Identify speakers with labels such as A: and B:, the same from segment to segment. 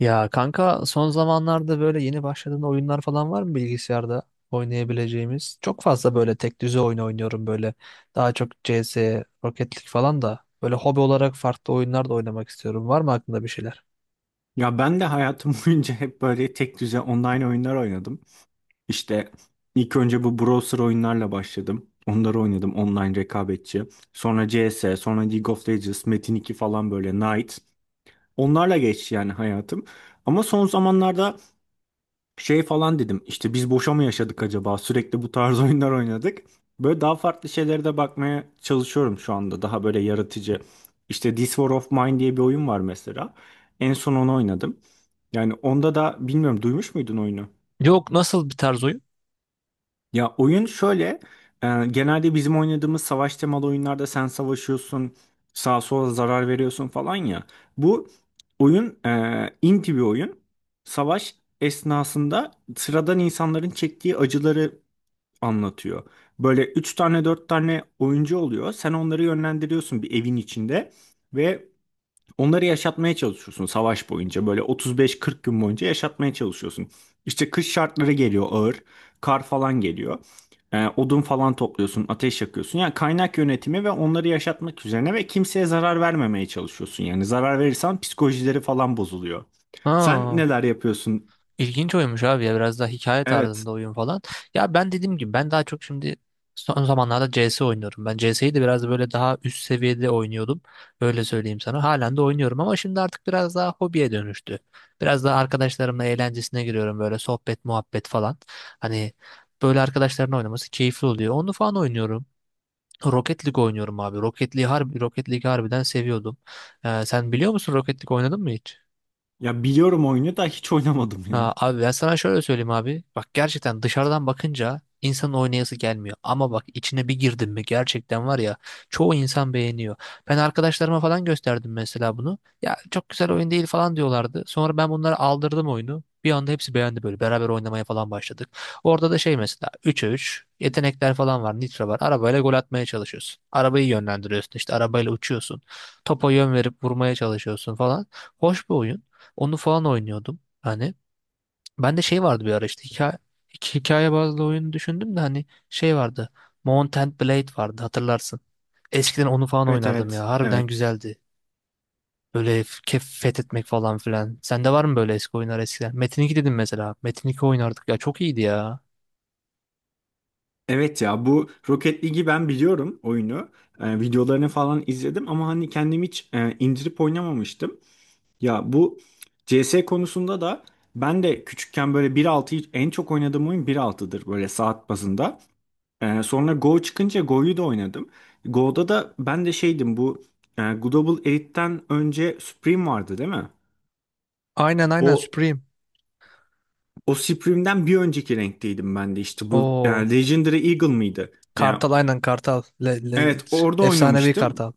A: Ya kanka, son zamanlarda böyle yeni başladığın oyunlar falan var mı bilgisayarda oynayabileceğimiz? Çok fazla böyle tek düze oyun oynuyorum böyle. Daha çok CS, Rocket League falan da. Böyle hobi olarak farklı oyunlar da oynamak istiyorum. Var mı aklında bir şeyler?
B: Ya ben de hayatım boyunca hep böyle tek düze online oyunlar oynadım. İşte ilk önce bu browser oyunlarla başladım. Onları oynadım online rekabetçi. Sonra CS, sonra League of Legends, Metin 2 falan böyle Knight. Onlarla geçti yani hayatım. Ama son zamanlarda şey falan dedim. İşte biz boşa mı yaşadık acaba? Sürekli bu tarz oyunlar oynadık. Böyle daha farklı şeylere de bakmaya çalışıyorum şu anda. Daha böyle yaratıcı. İşte This War of Mine diye bir oyun var mesela. En son onu oynadım. Yani onda da bilmiyorum duymuş muydun oyunu?
A: Yok, nasıl bir tarz oyun?
B: Ya oyun şöyle, genelde bizim oynadığımız savaş temalı oyunlarda sen savaşıyorsun, sağa sola zarar veriyorsun falan ya. Bu oyun inti bir oyun. Savaş esnasında sıradan insanların çektiği acıları anlatıyor. Böyle üç tane dört tane oyuncu oluyor. Sen onları yönlendiriyorsun bir evin içinde ve onları yaşatmaya çalışıyorsun savaş boyunca. Böyle 35-40 gün boyunca yaşatmaya çalışıyorsun. İşte kış şartları geliyor ağır. Kar falan geliyor. Odun falan topluyorsun, ateş yakıyorsun. Yani kaynak yönetimi ve onları yaşatmak üzerine ve kimseye zarar vermemeye çalışıyorsun. Yani zarar verirsen psikolojileri falan bozuluyor. Sen
A: Ha.
B: neler yapıyorsun?
A: İlginç oyunmuş abi ya, biraz daha hikaye
B: Evet.
A: tarzında oyun falan. Ya, ben dediğim gibi ben daha çok şimdi son zamanlarda CS oynuyorum. Ben CS'yi de biraz böyle daha üst seviyede oynuyordum. Öyle söyleyeyim sana. Halen de oynuyorum ama şimdi artık biraz daha hobiye dönüştü. Biraz daha arkadaşlarımla eğlencesine giriyorum böyle, sohbet muhabbet falan. Hani böyle arkadaşların oynaması keyifli oluyor. Onu falan oynuyorum. Rocket League oynuyorum abi. Rocket League harbiden seviyordum. Sen biliyor musun, Rocket League oynadın mı hiç?
B: Ya biliyorum oyunu da hiç oynamadım
A: Ha,
B: ya.
A: abi, ben sana şöyle söyleyeyim abi. Bak, gerçekten dışarıdan bakınca insanın oynayası gelmiyor. Ama bak, içine bir girdin mi gerçekten var ya, çoğu insan beğeniyor. Ben arkadaşlarıma falan gösterdim mesela bunu. Ya çok güzel oyun değil falan diyorlardı. Sonra ben bunlara aldırdım oyunu. Bir anda hepsi beğendi böyle. Beraber oynamaya falan başladık. Orada da şey mesela, 3'e 3 yetenekler falan var. Nitro var. Arabayla gol atmaya çalışıyorsun. Arabayı yönlendiriyorsun, işte arabayla uçuyorsun. Topa yön verip vurmaya çalışıyorsun falan. Hoş bir oyun. Onu falan oynuyordum. Hani ben de şey vardı bir ara, işte iki hikaye bazlı oyunu düşündüm de, hani şey vardı. Mount and Blade vardı, hatırlarsın. Eskiden onu falan
B: Evet,
A: oynardım
B: evet.
A: ya. Harbiden
B: Evet.
A: güzeldi. Böyle f- kef fethetmek falan filan. Sende var mı böyle eski oyunlar eskiden? Metin 2 dedim mesela. Metin 2 oynardık ya. Çok iyiydi ya.
B: Evet, ya bu Rocket League'i ben biliyorum oyunu. Videolarını falan izledim ama hani kendim hiç indirip oynamamıştım. Ya bu CS konusunda da ben de küçükken böyle 1.6'yı en çok oynadığım oyun bir altıdır böyle saat bazında. Sonra Go çıkınca Go'yu da oynadım. Go'da da ben de şeydim bu Global Elite'den önce Supreme vardı, değil mi?
A: Aynen, aynen
B: O
A: Supreme.
B: o Supreme'den bir önceki renkteydim ben de işte bu
A: Oo.
B: Legendary Eagle mıydı? Ya
A: Kartal, aynen Kartal.
B: evet, orada
A: Efsanevi
B: oynamıştım.
A: Kartal.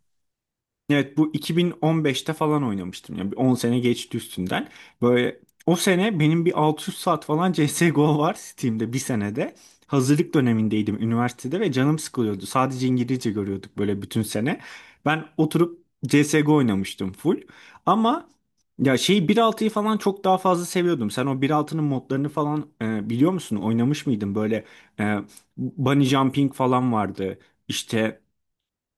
B: Evet, bu 2015'te falan oynamıştım. Yani bir 10 sene geçti üstünden. Böyle o sene benim bir 600 saat falan CSGO var Steam'de bir senede. Hazırlık dönemindeydim üniversitede ve canım sıkılıyordu. Sadece İngilizce görüyorduk böyle bütün sene. Ben oturup CSGO oynamıştım full. Ama ya şey altıyı falan çok daha fazla seviyordum. Sen o bir altının modlarını falan biliyor musun? Oynamış mıydın? Böyle e, bunny jumping falan vardı. İşte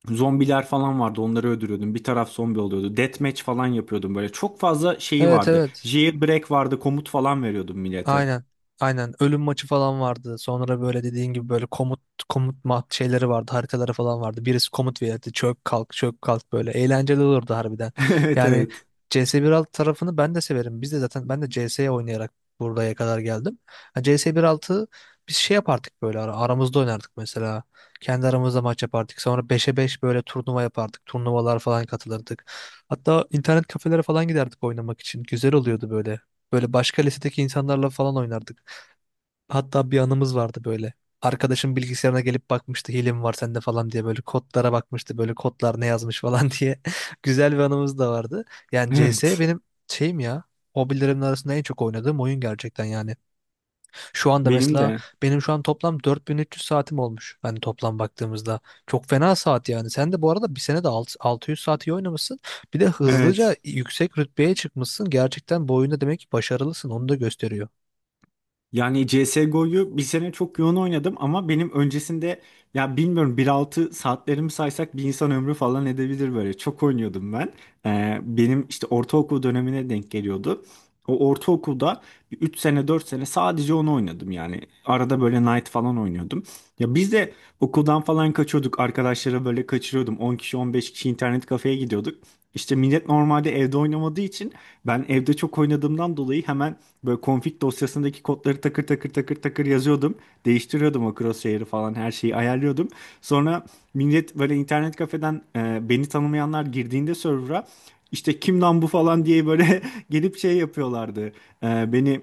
B: zombiler falan vardı, onları öldürüyordum. Bir taraf zombi oluyordu. Deathmatch falan yapıyordum böyle. Çok fazla şeyi
A: Evet,
B: vardı.
A: evet.
B: Jailbreak vardı, komut falan veriyordum millete.
A: Aynen. Aynen. Ölüm maçı falan vardı. Sonra böyle dediğin gibi böyle komut mat şeyleri vardı. Haritaları falan vardı. Birisi komut verirdi. Çök kalk, çök kalk böyle. Eğlenceli olurdu harbiden.
B: Evet,
A: Yani
B: evet.
A: CS1.6 tarafını ben de severim. Biz de zaten, ben de CS oynayarak buraya kadar geldim. Ha, CS1.6 biz şey yapardık böyle, aramızda oynardık mesela. Kendi aramızda maç yapardık. Sonra beşe 5 böyle turnuva yapardık. Turnuvalar falan katılırdık. Hatta internet kafelere falan giderdik oynamak için. Güzel oluyordu böyle. Böyle başka lisedeki insanlarla falan oynardık. Hatta bir anımız vardı böyle. Arkadaşım bilgisayarına gelip bakmıştı, hile mi var sende falan diye, böyle kodlara bakmıştı, böyle kodlar ne yazmış falan diye. Güzel bir anımız da vardı. Yani CS
B: Evet.
A: benim şeyim ya, hobilerimin arasında en çok oynadığım oyun gerçekten yani. Şu anda
B: Benim
A: mesela,
B: de.
A: benim şu an toplam 4.300 saatim olmuş. Hani toplam baktığımızda çok fena saat yani. Sen de bu arada bir sene de 600 saat iyi oynamışsın. Bir de hızlıca
B: Evet.
A: yüksek rütbeye çıkmışsın. Gerçekten bu oyunda demek ki başarılısın. Onu da gösteriyor.
B: Yani CSGO'yu bir sene çok yoğun oynadım ama benim öncesinde ya bilmiyorum bir altı saatlerimi saysak bir insan ömrü falan edebilir böyle. Çok oynuyordum ben. Benim işte ortaokul dönemine denk geliyordu. O ortaokulda 3 sene 4 sene sadece onu oynadım yani. Arada böyle Knight falan oynuyordum. Ya biz de okuldan falan kaçıyorduk. Arkadaşlara böyle kaçırıyordum. 10 kişi 15 kişi internet kafeye gidiyorduk. İşte millet normalde evde oynamadığı için ben evde çok oynadığımdan dolayı hemen böyle config dosyasındaki kodları takır takır takır takır yazıyordum. Değiştiriyordum o crosshair'ı falan, her şeyi ayarlıyordum. Sonra millet böyle internet kafeden beni tanımayanlar girdiğinde server'a işte kim lan bu falan diye böyle gelip şey yapıyorlardı. Beni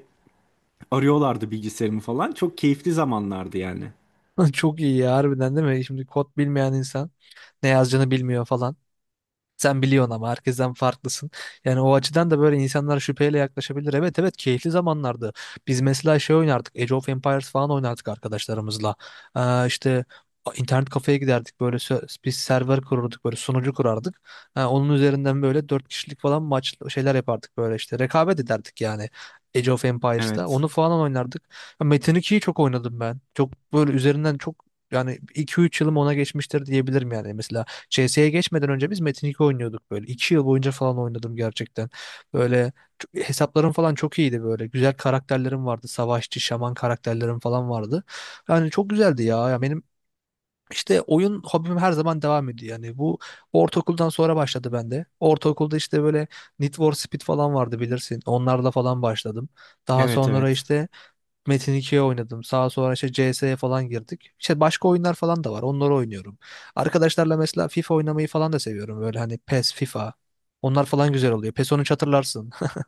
B: arıyorlardı, bilgisayarımı falan. Çok keyifli zamanlardı yani.
A: Çok iyi ya, harbiden değil mi? Şimdi kod bilmeyen insan ne yazacağını bilmiyor falan. Sen biliyorsun ama herkesten farklısın. Yani o açıdan da böyle insanlar şüpheyle yaklaşabilir. Evet, evet, keyifli zamanlardı. Biz mesela şey oynardık, Age of Empires falan oynardık arkadaşlarımızla. İşte internet kafeye giderdik. Böyle biz server kururduk. Böyle sunucu kurardık. Ha, onun üzerinden böyle 4 kişilik falan maç şeyler yapardık böyle işte. Rekabet ederdik yani. Age of Empires'ta.
B: Evet.
A: Onu falan oynardık. Ya Metin 2'yi çok oynadım ben. Çok böyle, üzerinden çok, yani 2-3 yılım ona geçmiştir diyebilirim yani. Mesela CS'ye geçmeden önce biz Metin 2 oynuyorduk böyle. 2 yıl boyunca falan oynadım gerçekten. Böyle hesaplarım falan çok iyiydi böyle. Güzel karakterlerim vardı. Savaşçı, şaman karakterlerim falan vardı. Yani çok güzeldi ya. Ya benim işte oyun hobim her zaman devam ediyor. Yani bu ortaokuldan sonra başladı bende. Ortaokulda işte böyle Need for Speed falan vardı, bilirsin. Onlarla falan başladım. Daha
B: Evet,
A: sonra
B: evet.
A: işte Metin 2'ye oynadım. Sağa sonra işte CS'ye falan girdik. İşte başka oyunlar falan da var. Onları oynuyorum. Arkadaşlarla mesela FIFA oynamayı falan da seviyorum. Böyle hani PES, FIFA. Onlar falan güzel oluyor. PES 13 hatırlarsın.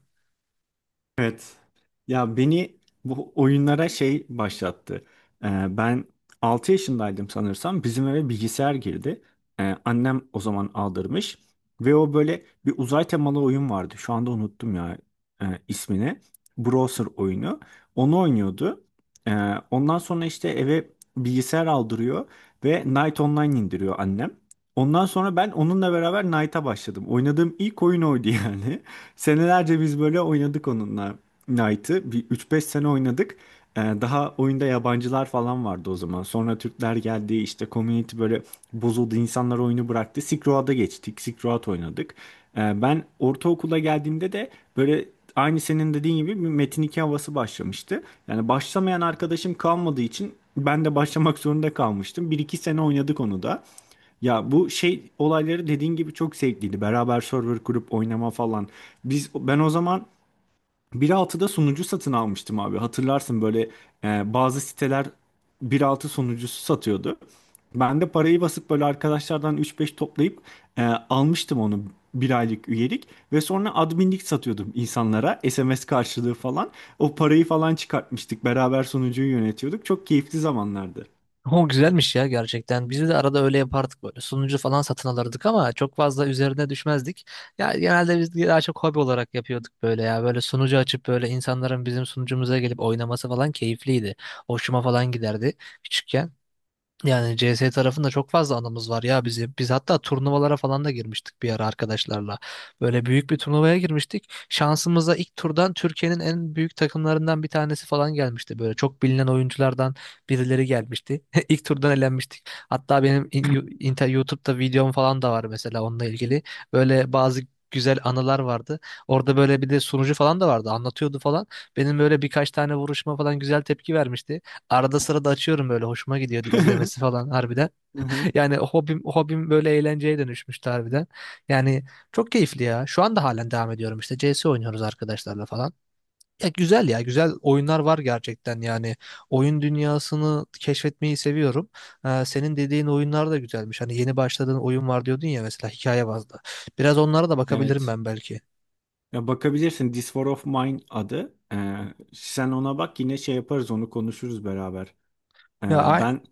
B: Evet. Ya beni bu oyunlara şey başlattı. Ben 6 yaşındaydım sanırsam. Bizim eve bilgisayar girdi. Annem o zaman aldırmış. Ve o böyle bir uzay temalı oyun vardı. Şu anda unuttum ya ismini. Browser oyunu. Onu oynuyordu. Ondan sonra işte eve bilgisayar aldırıyor. Ve Night Online indiriyor annem. Ondan sonra ben onunla beraber Knight'a başladım. Oynadığım ilk oyun oydu yani. Senelerce biz böyle oynadık onunla Knight'ı. Bir üç beş sene oynadık. Daha oyunda yabancılar falan vardı o zaman. Sonra Türkler geldi, işte community böyle bozuldu. İnsanlar oyunu bıraktı. Silk Road'a geçtik. Silk Road oynadık. Ben ortaokula geldiğimde de böyle aynı senin dediğin gibi bir Metin 2 havası başlamıştı. Yani başlamayan arkadaşım kalmadığı için ben de başlamak zorunda kalmıştım. Bir iki sene oynadık onu da. Ya bu şey olayları dediğin gibi çok zevkliydi. Beraber server kurup oynama falan. Ben o zaman bir altıda sunucu satın almıştım abi. Hatırlarsın böyle bazı siteler bir altı sunucusu satıyordu. Ben de parayı basıp böyle arkadaşlardan üç beş toplayıp almıştım onu, bir aylık üyelik, ve sonra adminlik satıyordum insanlara SMS karşılığı falan. O parayı falan çıkartmıştık. Beraber sunucuyu yönetiyorduk. Çok keyifli zamanlardı.
A: O güzelmiş ya gerçekten. Biz de arada öyle yapardık böyle. Sunucu falan satın alırdık ama çok fazla üzerine düşmezdik. Ya genelde biz daha çok hobi olarak yapıyorduk böyle ya. Böyle sunucu açıp böyle insanların bizim sunucumuza gelip oynaması falan keyifliydi. Hoşuma falan giderdi küçükken. Yani CS tarafında çok fazla anımız var ya bizim. Biz hatta turnuvalara falan da girmiştik bir ara arkadaşlarla. Böyle büyük bir turnuvaya girmiştik. Şansımıza ilk turdan Türkiye'nin en büyük takımlarından bir tanesi falan gelmişti. Böyle çok bilinen oyunculardan birileri gelmişti. İlk turdan elenmiştik. Hatta benim YouTube'da videom falan da var mesela onunla ilgili. Böyle bazı güzel anılar vardı. Orada böyle bir de sunucu falan da vardı. Anlatıyordu falan. Benim böyle birkaç tane vuruşma falan güzel tepki vermişti. Arada sırada açıyorum, böyle hoşuma gidiyordu izlemesi falan harbiden.
B: Hı hı.
A: Yani hobim hobim böyle eğlenceye dönüşmüştü harbiden. Yani çok keyifli ya. Şu anda halen devam ediyorum, işte CS oynuyoruz arkadaşlarla falan. Ya güzel, ya güzel oyunlar var gerçekten yani. Oyun dünyasını keşfetmeyi seviyorum. Senin dediğin oyunlar da güzelmiş. Hani yeni başladığın oyun var diyordun ya, mesela hikaye bazlı. Biraz onlara da bakabilirim
B: Evet.
A: ben belki.
B: Ya bakabilirsin, This War of Mine adı. Sen ona bak, yine şey yaparız, onu konuşuruz beraber.
A: Ya
B: Ben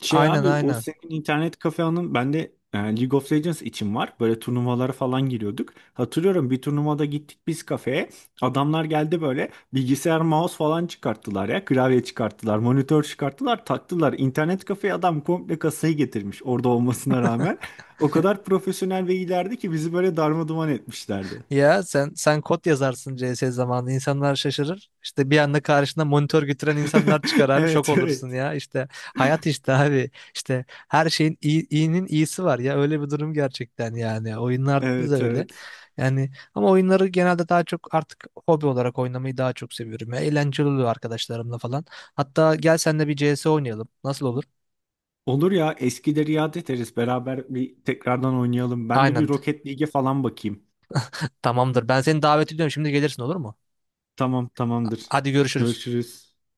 B: şey
A: aynen,
B: abi, o
A: aynen.
B: senin internet kafenin bende League of Legends için var. Böyle turnuvalara falan giriyorduk. Hatırlıyorum bir turnuvada gittik biz kafeye. Adamlar geldi böyle bilgisayar mouse falan çıkarttılar ya. Klavye çıkarttılar, monitör çıkarttılar, taktılar. İnternet kafeye adam komple kasayı getirmiş orada olmasına rağmen. O kadar profesyonel ve ilerdi ki bizi böyle darma duman etmişlerdi.
A: Ya sen kod yazarsın CS zamanında, insanlar şaşırır. İşte bir anda karşına monitör götüren insanlar çıkar abi, şok
B: Evet,
A: olursun
B: evet.
A: ya. İşte hayat işte abi. İşte her şeyin iyi, iyinin iyisi var ya, öyle bir durum gerçekten yani. Oyunlarda da
B: Evet,
A: öyle.
B: evet.
A: Yani ama oyunları genelde daha çok artık hobi olarak oynamayı daha çok seviyorum ya. Eğlenceli oluyor arkadaşlarımla falan. Hatta gel seninle bir CS oynayalım. Nasıl olur?
B: Olur ya, eskileri yad ederiz. Beraber bir tekrardan oynayalım. Ben de bir
A: Aynen.
B: Rocket League'e falan bakayım.
A: Tamamdır. Ben seni davet ediyorum. Şimdi gelirsin olur mu?
B: Tamam, tamamdır.
A: Hadi, görüşürüz.
B: Görüşürüz.